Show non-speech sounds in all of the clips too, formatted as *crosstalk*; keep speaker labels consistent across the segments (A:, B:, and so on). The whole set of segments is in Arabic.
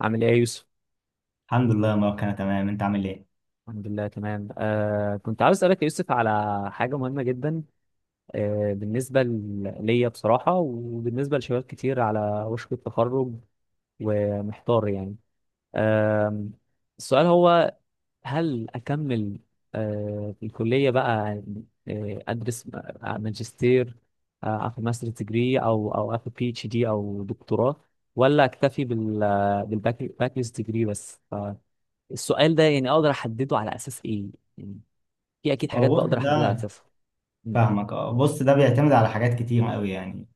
A: عامل ايه يا يوسف؟
B: الحمد لله يا مروان، انا تمام. انت عامل ايه؟
A: الحمد لله تمام. كنت عاوز اسألك يا يوسف على حاجة مهمة جدا. بالنسبة ليا بصراحة، وبالنسبة لشباب كتير على وشك التخرج ومحتار يعني. آه السؤال هو، هل أكمل في الكلية بقى، أدرس ماجستير، أخد ماستر ديجري، أو أخد بي اتش دي أو دكتوراه، ولا أكتفي بالباك ديجري بس؟ السؤال ده يعني اقدر احدده على اساس ايه؟ يعني في اكيد
B: اه،
A: حاجات
B: بص،
A: بقدر
B: الحمد
A: احددها
B: لله.
A: على
B: ده
A: اساسها. مم.
B: فاهمك. اه، بص، ده بيعتمد على حاجات كتير قوي. يعني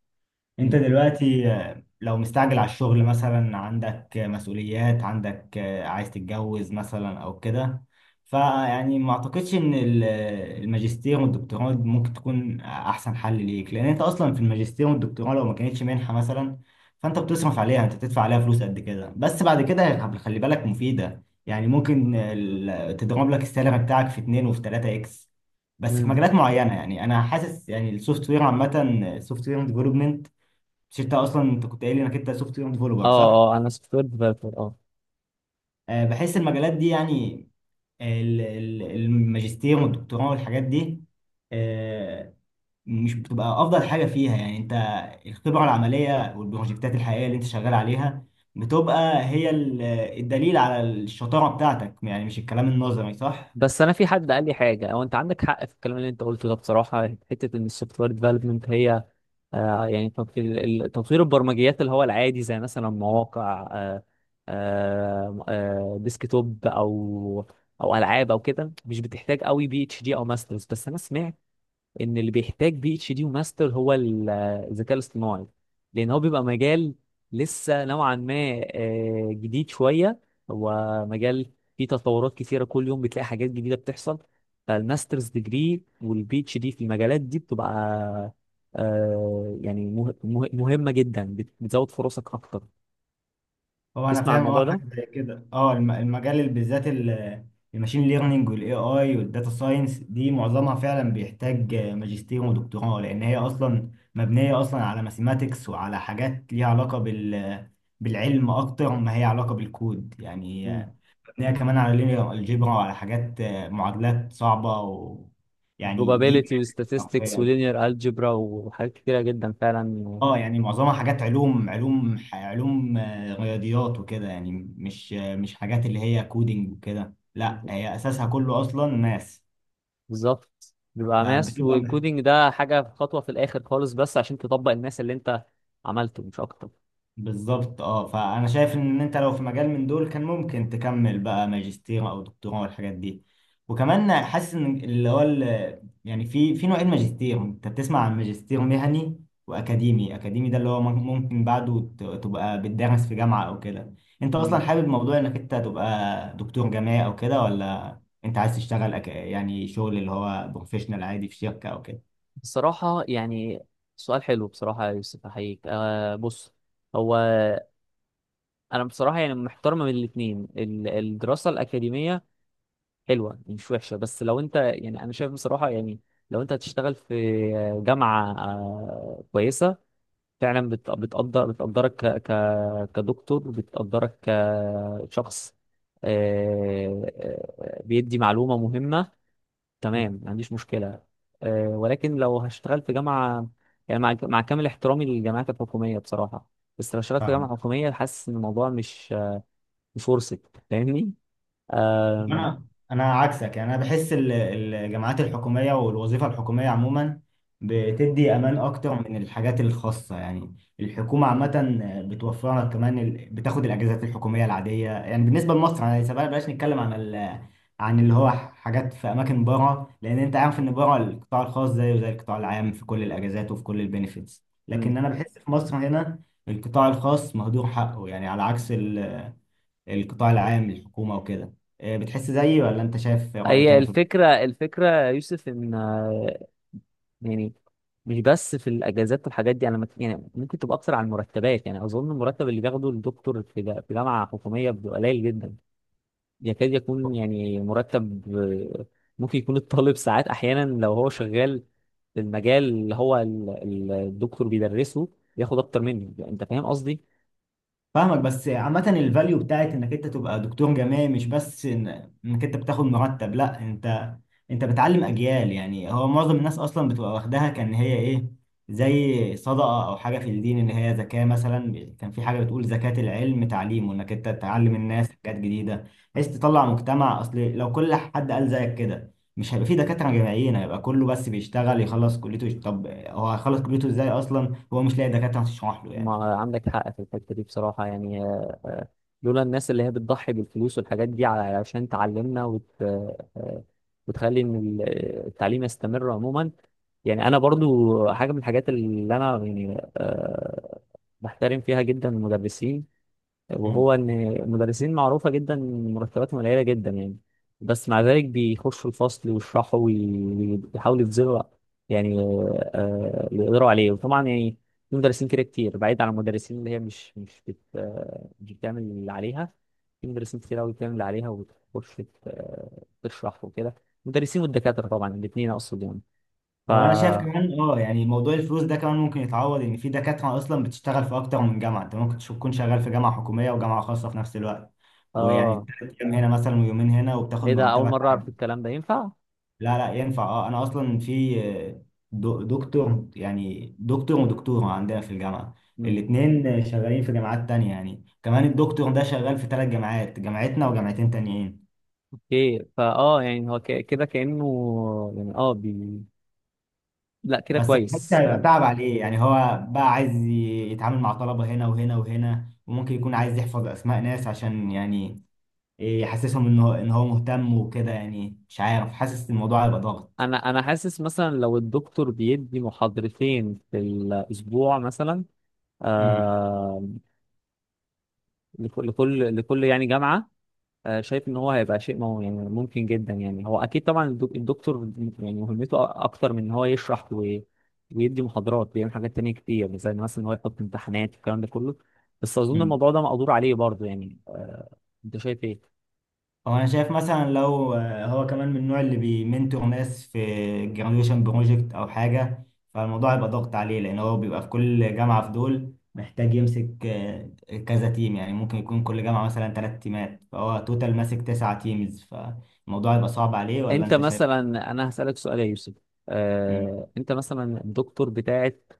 B: انت
A: مم.
B: دلوقتي لو مستعجل على الشغل مثلا، عندك مسؤوليات، عندك عايز تتجوز مثلا او كده، فيعني ما اعتقدش ان الماجستير والدكتوراه ممكن تكون احسن حل ليك، لان انت اصلا في الماجستير والدكتوراه لو ما كانتش منحة مثلا فانت بتصرف عليها، انت بتدفع عليها فلوس قد كده. بس بعد كده خلي بالك مفيدة، يعني ممكن تضرب لك السالري بتاعك في 2 وفي 3 اكس، بس في
A: مم.
B: مجالات معينة. يعني انا حاسس يعني السوفت وير عامة، السوفت وير ديفلوبمنت، مش انت اصلا، انت كنت قايل لي انك انت سوفت وير
A: اه.
B: ديفلوبر، صح؟
A: اه. انا سوفت وير ديفلوبر. اه.
B: أه، بحس المجالات دي، يعني الماجستير والدكتوراه والحاجات دي، أه، مش بتبقى افضل حاجه فيها. يعني انت الخبره العمليه والبروجكتات الحقيقيه اللي انت شغال عليها بتبقى هي الدليل على الشطاره بتاعتك، يعني مش الكلام النظري، صح؟
A: بس انا في حد قال لي حاجه، هو انت عندك حق في الكلام اللي انت قلته ده بصراحه، حته ان السوفت وير ديفلوبمنت هي يعني تطوير البرمجيات، اللي هو العادي زي مثلا مواقع، ديسكتوب او العاب او كده، مش بتحتاج قوي بي اتش دي او ماسترز. بس انا سمعت ان اللي بيحتاج بي اتش دي وماستر هو الذكاء الاصطناعي، لان هو بيبقى مجال لسه نوعا ما جديد شويه. هو مجال فيه تطورات كثيره كل يوم، بتلاقي حاجات جديده بتحصل. فالماسترز ديجري والبي اتش دي في المجالات دي بتبقى يعني مهمه جدا، بتزود فرصك اكتر.
B: هو انا
A: تسمع عن
B: فاهم، اه،
A: الموضوع ده؟
B: حاجه زي كده. اه، المجال اللي بالذات الماشين ليرنينج والاي اي والداتا ساينس دي معظمها فعلا بيحتاج ماجستير ودكتوراه، لان هي مبنيه اصلا على ماثيماتكس وعلى حاجات ليها علاقه بال، بالعلم اكتر ما هي علاقه بالكود يعني.
A: مم.
B: مبنيه كمان على لينير الجبرا وعلى حاجات، معادلات صعبه، و يعني دي،
A: probability و statistics و linear algebra وحاجات كتيره جدا فعلا.
B: اه يعني معظمها حاجات علوم، علوم رياضيات وكده يعني. مش حاجات اللي هي كودينج وكده، لا، هي اساسها كله اصلا ماس،
A: بالظبط، بيبقى ماس
B: فبتبقى،
A: والكودينج ده حاجة في خطوة في الآخر خالص، بس عشان تطبق الماس اللي أنت عملته مش أكتر.
B: بالظبط. اه، فانا شايف ان انت لو في مجال من دول كان ممكن تكمل بقى ماجستير او دكتوراه والحاجات دي. وكمان حاسس ان اللي هو يعني في نوعين ماجستير، انت بتسمع عن ماجستير مهني واكاديمي. اكاديمي ده اللي هو ممكن بعده تبقى بتدرس في جامعة او كده. انت اصلا
A: مم.
B: حابب موضوع انك انت تبقى دكتور جامعي او كده، ولا انت عايز تشتغل يعني شغل اللي هو بروفيشنال عادي في شركة او كده؟
A: بصراحة يعني سؤال حلو بصراحة يا يوسف، أحييك. بص، هو أنا بصراحة يعني محتار ما بين الاتنين، الدراسة الأكاديمية حلوة مش وحشة. بس لو أنت يعني، أنا شايف بصراحة يعني لو أنت هتشتغل في جامعة كويسة فعلا، بتقدرك كدكتور، بتقدرك كشخص، بيدي معلومة مهمة، تمام ما عنديش مشكلة. ولكن لو هشتغل في جامعة، يعني مع كامل احترامي للجامعات الحكومية بصراحة، بس لو اشتغلت في
B: فاهمك.
A: جامعة حكومية حاسس إن الموضوع مش ورثة. فاهمني؟ آم،
B: انا انا عكسك، يعني انا بحس الجامعات الحكوميه والوظيفه الحكوميه عموما بتدي امان اكتر من الحاجات الخاصه. يعني الحكومه عامه بتوفر لك كمان بتاخد الاجازات الحكوميه العاديه. يعني بالنسبه لمصر انا سيبها، بلاش نتكلم عن عن اللي هو حاجات في اماكن بره، لان انت عارف ان بره القطاع الخاص زيه زي القطاع العام في كل الاجازات وفي كل البينيفيتس،
A: مم.
B: لكن انا بحس في مصر هنا القطاع الخاص مهدور حقه، يعني على عكس القطاع العام الحكومة وكده. بتحس زيي ولا انت شايف رأي
A: هي
B: تاني في؟
A: الفكرة يا يوسف، إن يعني مش بس في الاجازات والحاجات دي، انا يعني ممكن تبقى اكتر على المرتبات. يعني اظن المرتب اللي بياخده الدكتور في في جامعه حكوميه بيبقى قليل جدا، يكاد يكون يعني مرتب آه، ممكن يكون الطالب ساعات احيانا لو هو شغال في المجال اللي هو الدكتور بيدرسه، بياخد اكتر منه. انت فاهم قصدي؟
B: فاهمك. بس عامة الفاليو بتاعت انك انت تبقى دكتور جامعي مش بس انك انت بتاخد مرتب، لا، انت انت بتعلم اجيال. يعني هو معظم الناس اصلا بتبقى واخداها كان هي ايه، زي صدقة او حاجة في الدين، ان هي زكاة مثلا، كان في حاجة بتقول زكاة العلم تعليمه، انك انت تعلم الناس حاجات جديدة بحيث تطلع مجتمع. اصل لو كل حد قال زيك كده مش هيبقى في دكاترة جامعيين، هيبقى كله بس بيشتغل يخلص كليته. طب هو هيخلص كليته ازاي اصلا هو مش لاقي دكاترة تشرح له يعني؟
A: ما عندك حق في الحتة دي بصراحة يعني. لولا الناس اللي هي بتضحي بالفلوس والحاجات دي علشان تعلمنا وتخلي إن التعليم يستمر عموما. يعني أنا برضو حاجة من الحاجات اللي أنا يعني بحترم فيها جدا المدرسين، وهو ان المدرسين معروفه جدا إن مرتباتهم قليله جدا يعني، بس مع ذلك بيخشوا الفصل ويشرحوا ويحاولوا يبذلوا يعني اللي يقدروا عليه. وطبعا يعني في مدرسين كده كتير، بعيد عن المدرسين اللي هي مش مش بت آه، مش بتعمل اللي عليها، في مدرسين كتير قوي بتعمل اللي عليها وبتخش تشرح وكده. المدرسين والدكاتره طبعا، الاثنين اقصد يعني. ف
B: هو انا شايف كمان، اه، يعني موضوع الفلوس ده كمان ممكن يتعوض، ان في دكاتره اصلا بتشتغل في اكتر من جامعه. انت ممكن تكون شغال في جامعه حكوميه وجامعه خاصه في نفس الوقت، ويعني
A: اه،
B: 3 ايام هنا مثلا ويومين هنا، وبتاخد
A: ايه ده؟ اول
B: مرتبك
A: مره اعرف
B: عالي.
A: الكلام ده ينفع؟
B: لا لا، ينفع. اه، انا اصلا في دكتور، يعني دكتور ودكتوره عندنا في الجامعه الاثنين شغالين في جامعات تانية. يعني كمان الدكتور ده شغال في 3 جامعات، جامعتنا وجامعتين تانيين.
A: اوكي، فاه يعني هو كده كأنه، يعني اه لا كده
B: بس بحس
A: كويس
B: هيبقى
A: فعلا.
B: تعب عليه، يعني هو بقى عايز يتعامل مع طلبة هنا وهنا وهنا، وممكن يكون عايز يحفظ أسماء ناس عشان يعني يحسسهم إن هو مهتم وكده. يعني مش عارف، حاسس الموضوع هيبقى ضاغط.
A: انا حاسس مثلا لو الدكتور بيدي محاضرتين في الاسبوع مثلا، آه لكل يعني جامعة، شايف ان هو هيبقى شيء مو، يعني ممكن جدا يعني. هو اكيد طبعا الدكتور يعني مهمته اكتر من ان هو يشرح ويدي محاضرات، بيعمل حاجات تانية كتير زي مثلا ان هو يحط امتحانات والكلام ده كله. بس اظن
B: امم،
A: الموضوع ده مقدور عليه برضه يعني. انت شايف ايه؟
B: هو انا شايف مثلا لو هو كمان من النوع اللي بيمنتور ناس في الجراديويشن بروجكت او حاجه، فالموضوع يبقى ضغط عليه، لان هو بيبقى في كل جامعه في دول محتاج يمسك كذا تيم. يعني ممكن يكون كل جامعه مثلا 3 تيمات، فهو توتال ماسك 9 تيمز، فالموضوع يبقى صعب عليه، ولا
A: انت
B: انت شايف؟
A: مثلا انا هسألك سؤال يا يوسف،
B: مم.
A: انت مثلا الدكتور بتاعت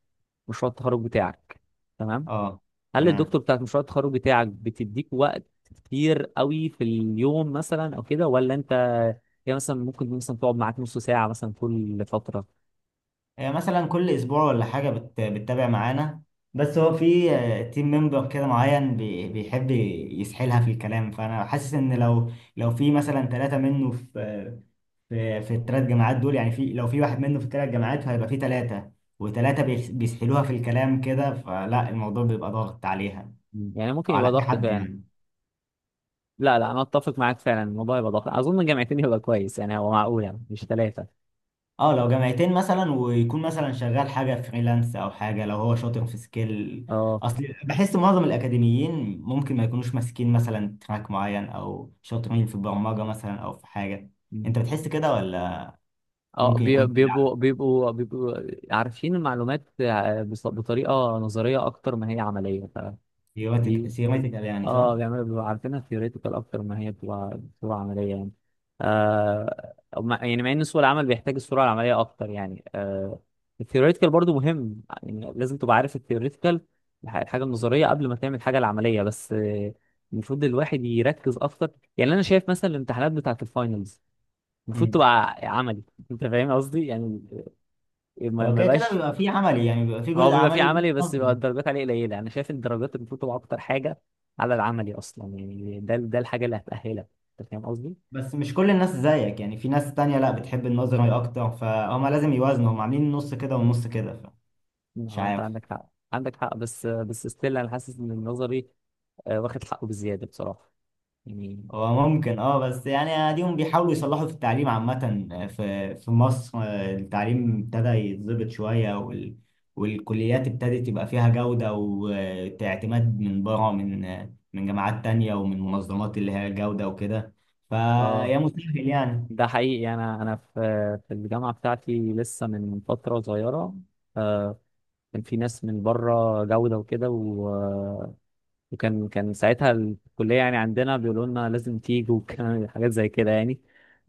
A: مشروع التخرج بتاعك، تمام؟
B: اه،
A: هل الدكتور
B: تمام.
A: بتاعت مشروع التخرج بتاعك بتديك وقت كتير قوي في اليوم مثلا او كده، ولا انت، هي مثلا ممكن مثلا تقعد معاك نص ساعة مثلا كل فترة؟
B: مثلا كل اسبوع ولا حاجه بتتابع معانا. بس هو في تيم ممبر كده معين بيحب يسحلها في الكلام، فانا حاسس ان لو في مثلا ثلاثه منه في في ال3 جامعات دول، يعني في، لو في واحد منه في ال3 جامعات، فهيبقى في ثلاثه وثلاثه بيسحلوها في الكلام كده، فلا الموضوع بيبقى ضاغط عليها،
A: يعني ممكن
B: او على
A: يبقى
B: اي
A: ضغط
B: حد
A: فعلا.
B: يعني.
A: لا، لا، انا اتفق معاك فعلا، الموضوع يبقى ضغط. اظن جامعتين يبقى كويس يعني، هو معقول يعني، مش ثلاثة.
B: اه، لو جامعتين مثلا، ويكون مثلا شغال حاجة فريلانس او حاجة، لو هو شاطر في سكيل،
A: اه.
B: اصل بحس معظم الاكاديميين ممكن ما يكونوش ماسكين مثلا تراك معين، او شاطرين في البرمجة مثلا او في حاجة. انت بتحس كده ولا؟
A: اه،
B: ممكن يكون في
A: بيبقوا
B: لعب.
A: بيبقوا بيبقوا عارفين المعلومات بطريقة نظرية أكتر ما هي عملية،
B: سيرماتيك،
A: فدي،
B: سيرماتيكال يعني،
A: اه،
B: صح؟
A: بيبقوا عارفينها ثيوريتيكال أكتر ما هي بتبقى عملية يعني. آه مع- يعني مع إن سوق العمل بيحتاج السرعة العملية أكتر يعني. الثيوريتيكال برضو مهم، يعني لازم تبقى عارف الثيوريتيكال، الحاجة النظرية قبل ما تعمل الحاجة العملية، بس المفروض الواحد يركز أكتر. يعني أنا شايف مثلا الامتحانات بتاعة الفاينلز المفروض
B: امم.
A: تبقى عملي. انت فاهم قصدي؟ يعني ما
B: هو
A: ما
B: كده كده
A: يبقاش،
B: بيبقى في عملي، يعني بيبقى في
A: هو
B: جزء
A: بيبقى فيه
B: عملي وجزء
A: عملي، بس
B: نظري.
A: بيبقى الدرجات عليه قليله. انا شايف الدرجات المفروض تبقى اكتر حاجه على العملي اصلا، يعني ده الحاجه اللي هتاهلك. انت فاهم قصدي؟
B: بس مش كل الناس زيك، يعني في ناس تانية لا، بتحب النظري اكتر، فهم لازم يوازنوا، هم عاملين نص كده ونص كده، فمش
A: اه، انت
B: عارف.
A: عندك حق، عندك حق، بس ستيل انا حاسس ان النظري واخد حقه بزياده بصراحه يعني.
B: هو ممكن، اه، بس يعني اديهم بيحاولوا يصلحوا في التعليم عامة. في مصر التعليم ابتدى يتظبط شوية، والكليات ابتدت يبقى فيها جودة واعتماد من بره، من من جامعات تانية ومن منظمات اللي هي جودة وكده،
A: اه،
B: فيا مستاهل يعني. *laughs*
A: ده حقيقي. انا في الجامعه بتاعتي، لسه من فتره صغيره آه، كان في ناس من بره جوده وكده، وكان ساعتها الكلية يعني عندنا بيقولوا لنا لازم تيجوا، وكان *laughs* حاجات زي كده يعني.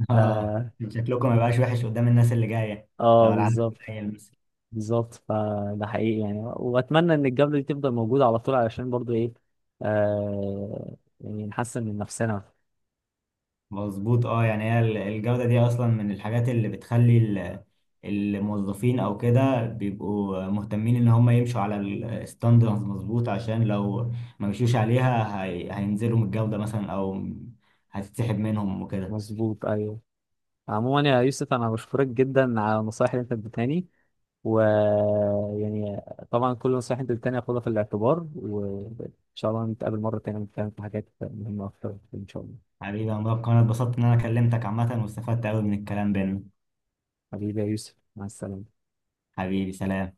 B: اه،
A: اه،
B: شكلكم ما يبقاش وحش قدام الناس اللي جاية لو العدد
A: بالظبط،
B: قليل.
A: بالظبط. فده حقيقي يعني، واتمنى ان الجبلة دي تفضل موجودة على طول، علشان برضو ايه، يعني نحسن من نفسنا.
B: مظبوط. اه، يعني هي الجودة دي اصلا من الحاجات اللي بتخلي الموظفين او كده بيبقوا مهتمين ان هم يمشوا على الستاندرز، مظبوط، عشان لو ما مشيوش عليها هينزلوا من الجودة مثلا، او هتتسحب منهم وكده.
A: مظبوط، ايوه. عموما يا يوسف، انا بشكرك جدا على النصائح اللي انت اديتهاني، و يعني طبعا كل النصائح اللي انت اديتهاني هاخدها في الاعتبار، وان شاء الله نتقابل مرة تانية ونتكلم في حاجات مهمة اكتر، ان شاء الله.
B: حبيبي يا مبارك، انا اتبسطت ان انا كلمتك عامة، واستفدت قوي من الكلام بينا.
A: حبيبي يا يوسف، مع السلامة.
B: حبيبي، سلام.